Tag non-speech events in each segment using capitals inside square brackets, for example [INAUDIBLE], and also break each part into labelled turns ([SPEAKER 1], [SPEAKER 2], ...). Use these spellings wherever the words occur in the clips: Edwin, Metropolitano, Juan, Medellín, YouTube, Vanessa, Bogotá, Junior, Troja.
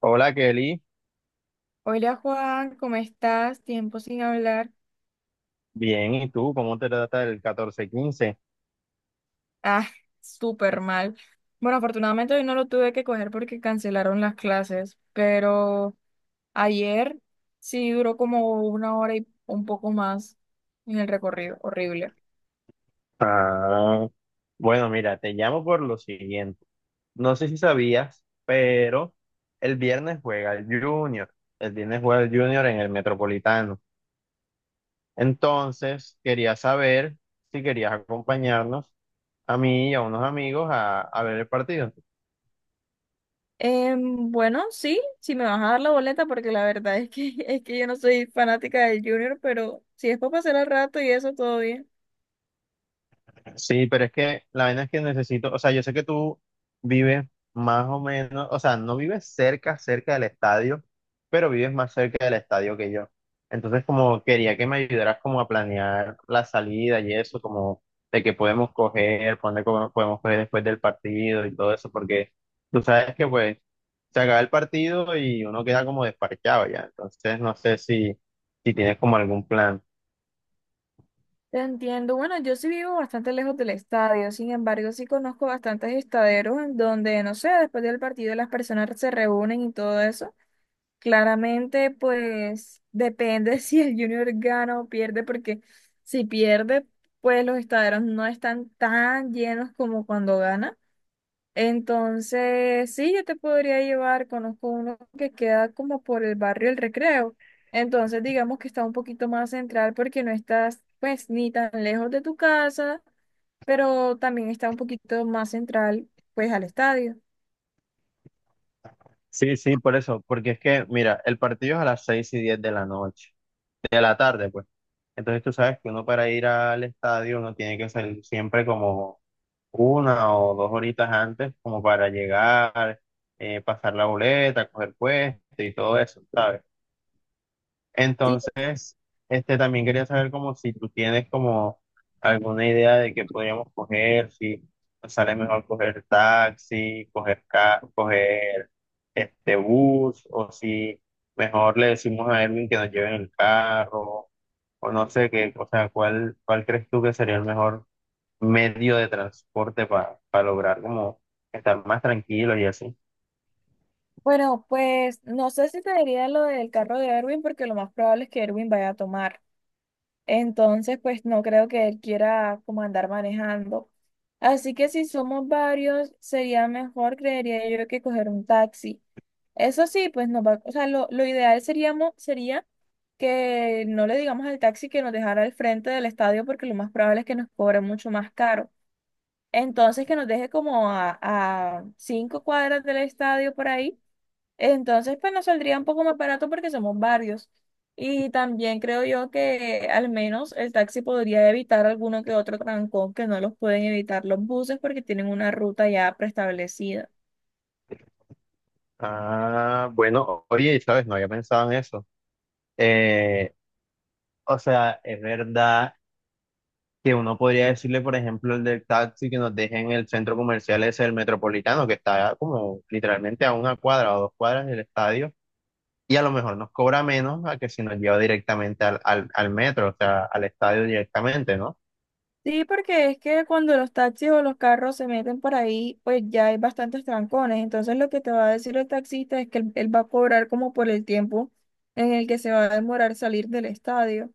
[SPEAKER 1] Hola Kelly,
[SPEAKER 2] Hola Juan, ¿cómo estás? Tiempo sin hablar.
[SPEAKER 1] bien, ¿y tú? ¿Cómo te trata el 14-15?
[SPEAKER 2] Ah, [LAUGHS] súper mal. Bueno, afortunadamente hoy no lo tuve que coger porque cancelaron las clases, pero ayer sí duró como una hora y un poco más en el recorrido. Horrible.
[SPEAKER 1] Ah, bueno, mira, te llamo por lo siguiente. No sé si sabías, pero el viernes juega el Junior. El viernes juega el Junior en el Metropolitano. Entonces, quería saber si querías acompañarnos a mí y a unos amigos a ver el partido.
[SPEAKER 2] Bueno, sí, si me vas a dar la boleta, porque la verdad es que, [LAUGHS] es que yo no soy fanática del Junior, pero si es para pasar el rato y eso, todo bien.
[SPEAKER 1] Sí, pero es que la vaina es que necesito, o sea, yo sé que tú vives más o menos, o sea, no vives cerca, cerca del estadio, pero vives más cerca del estadio que yo. Entonces, como quería que me ayudaras como a planear la salida y eso, como de que podemos coger, podemos coger después del partido y todo eso, porque tú sabes que pues se acaba el partido y uno queda como desparchado ya. Entonces, no sé si, si tienes como algún plan.
[SPEAKER 2] Te entiendo. Bueno, yo sí vivo bastante lejos del estadio, sin embargo, sí conozco bastantes estaderos en donde, no sé, después del partido las personas se reúnen y todo eso. Claramente, pues depende [LAUGHS] si el Junior gana o pierde, porque si pierde, pues los estaderos no están tan llenos como cuando gana. Entonces, sí, yo te podría llevar, conozco uno que queda como por el barrio El Recreo. Entonces, digamos que está un poquito más central porque no estás pues ni tan lejos de tu casa, pero también está un poquito más central pues al estadio.
[SPEAKER 1] Sí, sí, por eso, porque es que, mira, el partido es a las 6 y 10 de la noche, de la tarde, pues. Entonces tú sabes que uno para ir al estadio uno tiene que salir siempre como una o dos horitas antes, como para llegar, pasar la boleta, coger puesto y todo eso, ¿sabes?
[SPEAKER 2] Sí,
[SPEAKER 1] Entonces, este, también quería saber como si tú tienes como alguna idea de qué podríamos coger, si nos sale mejor coger taxi, coger este bus, o si mejor le decimos a Edwin que nos lleve en el carro, o no sé qué, o sea, cuál crees tú que sería el mejor medio de transporte para lograr como estar más tranquilos y así.
[SPEAKER 2] bueno, pues no sé si te diría lo del carro de Erwin porque lo más probable es que Erwin vaya a tomar. Entonces, pues no creo que él quiera como andar manejando. Así que si somos varios, sería mejor, creería yo, que coger un taxi. Eso sí, pues no va, o sea, lo ideal seríamos, sería que no le digamos al taxi que nos dejara al frente del estadio porque lo más probable es que nos cobre mucho más caro. Entonces, que nos deje como a 5 cuadras del estadio por ahí entonces, pues nos saldría un poco más barato porque somos varios. Y también creo yo que al menos el taxi podría evitar alguno que otro trancón que no los pueden evitar los buses porque tienen una ruta ya preestablecida.
[SPEAKER 1] Ah, bueno, oye, sabes, no había pensado en eso. O sea, es verdad que uno podría decirle, por ejemplo, el del taxi que nos deje en el centro comercial ese del Metropolitano, que está como literalmente a una cuadra o dos cuadras del estadio, y a lo mejor nos cobra menos a que si nos lleva directamente al metro, o sea, al estadio directamente, ¿no?
[SPEAKER 2] Sí, porque es que cuando los taxis o los carros se meten por ahí, pues ya hay bastantes trancones. Entonces lo que te va a decir el taxista es que él va a cobrar como por el tiempo en el que se va a demorar salir del estadio.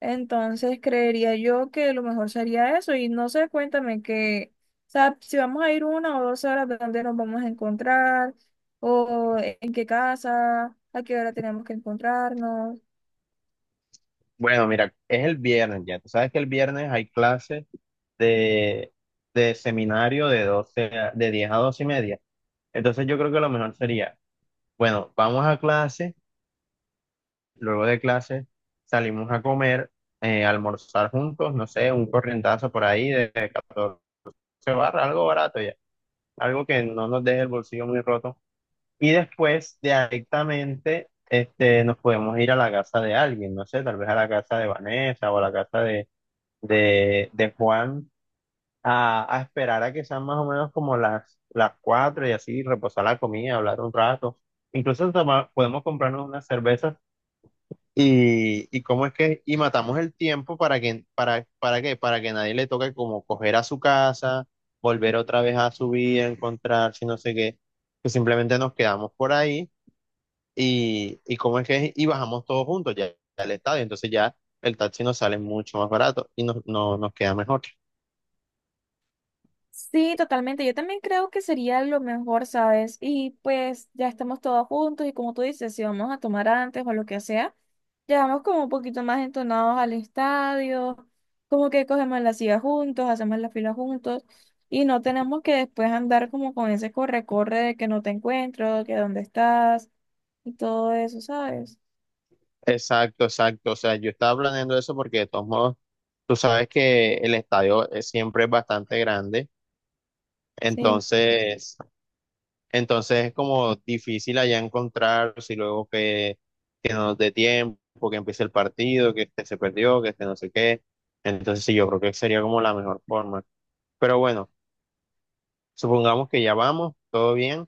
[SPEAKER 2] Entonces creería yo que lo mejor sería eso. Y no sé, cuéntame que, o sea, si vamos a ir 1 o 2 horas, ¿dónde nos vamos a encontrar? ¿O en qué casa? ¿A qué hora tenemos que encontrarnos?
[SPEAKER 1] Bueno, mira, es el viernes ya. Tú sabes que el viernes hay clases de, de seminario de 10 a doce y media. Entonces yo creo que lo mejor sería, bueno, vamos a clase. Luego de clase salimos a comer, a almorzar juntos, no sé, un corrientazo por ahí de 14 barras, algo barato ya, algo que no nos deje el bolsillo muy roto. Y después directamente este, nos podemos ir a la casa de alguien, no sé, tal vez a la casa de Vanessa o a la casa de Juan, a esperar a que sean más o menos como las 4 y así reposar la comida, hablar un rato. Incluso podemos comprarnos unas cervezas y cómo es que, y matamos el tiempo para que, para qué, para que nadie le toque como coger a su casa, volver otra vez a su vida, encontrarse, no sé qué, que simplemente nos quedamos por ahí y cómo es que, y bajamos todos juntos ya al estadio, entonces ya el taxi nos sale mucho más barato y nos, no, nos queda mejor.
[SPEAKER 2] Sí, totalmente. Yo también creo que sería lo mejor, ¿sabes? Y pues ya estamos todos juntos y como tú dices, si vamos a tomar antes o lo que sea, llegamos como un poquito más entonados al estadio, como que cogemos la silla juntos, hacemos la fila juntos y no tenemos que después andar como con ese corre-corre de que no te encuentro, que dónde estás y todo eso, ¿sabes?
[SPEAKER 1] Exacto, exacto, o sea, yo estaba planeando eso porque de todos modos, tú sabes que siempre es bastante grande,
[SPEAKER 2] Sí.
[SPEAKER 1] entonces entonces es como difícil allá encontrar si luego que no nos dé tiempo, que empiece el partido, que este se perdió, que este no sé qué. Entonces sí, yo creo que sería como la mejor forma. Pero bueno, supongamos que ya vamos, todo bien.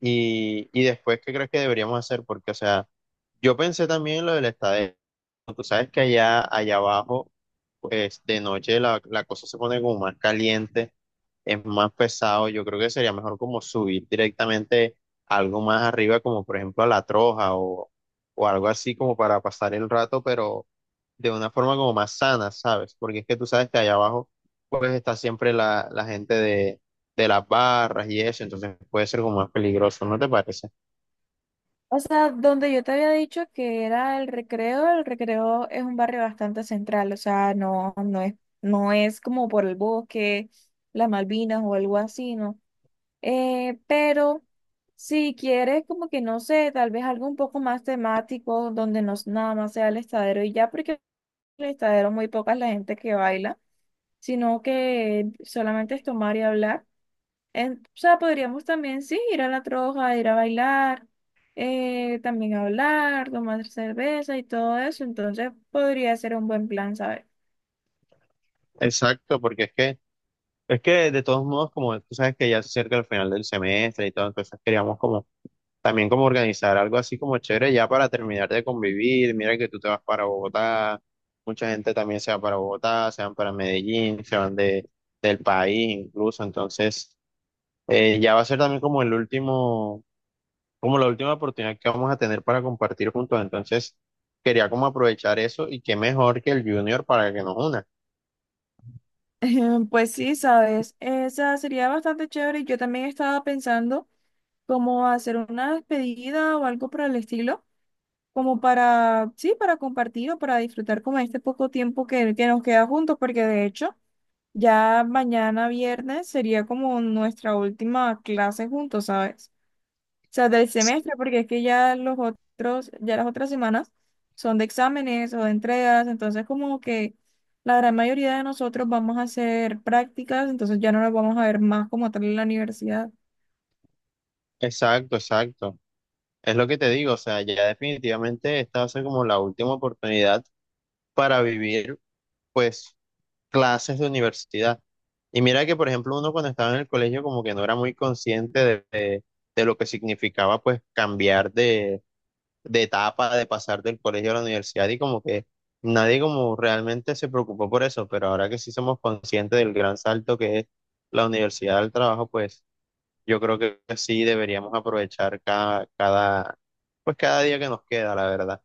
[SPEAKER 1] Y después, ¿qué crees que deberíamos hacer? Porque, o sea, yo pensé también en lo de la estadía. Tú sabes que allá, allá abajo, pues de noche la cosa se pone como más caliente, es más pesado. Yo creo que sería mejor como subir directamente a algo más arriba, como por ejemplo a la Troja o algo así como para pasar el rato, pero de una forma como más sana, ¿sabes? Porque es que tú sabes que allá abajo, pues está siempre la gente de las barras y eso, entonces puede ser como más peligroso, ¿no te parece?
[SPEAKER 2] O sea, donde yo te había dicho que era el recreo es un barrio bastante central, o sea, no, no es como por el bosque, las Malvinas o algo así, ¿no? Pero si quieres como que no sé, tal vez algo un poco más temático, donde nada más sea el estadero y ya, porque el estadero muy poca es la gente que baila, sino que solamente es tomar y hablar. O sea, podríamos también, sí, ir a la troja, ir a bailar, también hablar, tomar cerveza y todo eso. Entonces podría ser un buen plan, ¿sabes?
[SPEAKER 1] Exacto, porque es que es que de todos modos, como tú sabes que ya se acerca el final del semestre y todo, entonces queríamos como también como organizar algo así como chévere ya para terminar de convivir. Mira que tú te vas para Bogotá, mucha gente también se va para Bogotá, se van para Medellín, se van del país incluso. Entonces, ya va a ser también como el último, como la última oportunidad que vamos a tener para compartir juntos. Entonces, quería como aprovechar eso y qué mejor que el Junior para que nos una.
[SPEAKER 2] [LAUGHS] Pues sí, sabes, esa sería bastante chévere. Yo también estaba pensando cómo hacer una despedida o algo por el estilo, como para, sí, para compartir o para disfrutar como este poco tiempo que nos queda juntos, porque de hecho ya mañana viernes sería como nuestra última clase juntos, ¿sabes? Sea, del semestre, porque es que ya los otros, ya las otras semanas son de exámenes o de entregas, entonces como que la gran mayoría de nosotros vamos a hacer prácticas, entonces ya no nos vamos a ver más como tal en la universidad.
[SPEAKER 1] Exacto, exacto. Es lo que te digo, o sea, ya definitivamente esta va a ser como la última oportunidad para vivir, pues, clases de universidad. Y mira que, por ejemplo, uno cuando estaba en el colegio como que no era muy consciente de lo que significaba, pues, cambiar de etapa, de pasar del colegio a la universidad y como que nadie como realmente se preocupó por eso, pero ahora que sí somos conscientes del gran salto que es la universidad al trabajo, pues... Yo creo que sí deberíamos aprovechar pues cada día que nos queda, la verdad.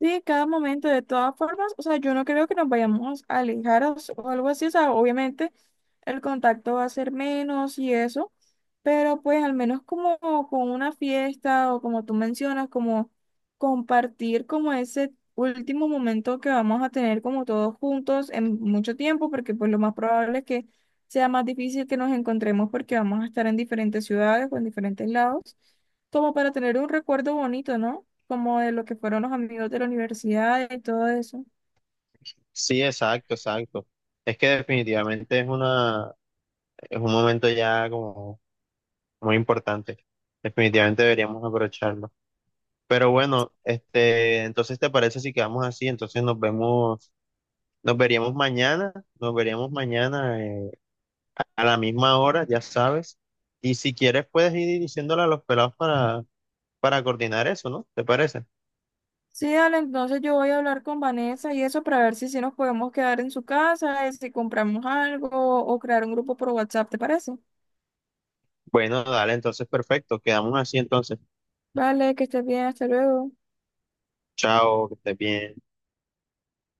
[SPEAKER 2] Sí, cada momento, de todas formas, o sea, yo no creo que nos vayamos a alejar o algo así, o sea, obviamente el contacto va a ser menos y eso, pero pues al menos como con una fiesta o como tú mencionas, como compartir como ese último momento que vamos a tener como todos juntos en mucho tiempo, porque pues lo más probable es que sea más difícil que nos encontremos porque vamos a estar en diferentes ciudades o en diferentes lados, como para tener un recuerdo bonito, ¿no? Como de lo que fueron los amigos de la universidad y todo eso.
[SPEAKER 1] Sí, exacto, exacto. Es que definitivamente es un momento ya como muy importante. Definitivamente deberíamos aprovecharlo. Pero bueno, este, entonces ¿te parece si quedamos así? Entonces nos vemos, nos veríamos mañana, nos veríamos mañana a la misma hora, ya sabes. Y si quieres puedes ir diciéndole a los pelados para coordinar eso, ¿no? ¿Te parece?
[SPEAKER 2] Sí, dale, entonces yo voy a hablar con Vanessa y eso para ver si, si nos podemos quedar en su casa, y si compramos algo o crear un grupo por WhatsApp, ¿te parece?
[SPEAKER 1] Bueno, dale, entonces perfecto. Quedamos así entonces.
[SPEAKER 2] Vale, que estés bien, hasta luego.
[SPEAKER 1] Chao, que estés bien.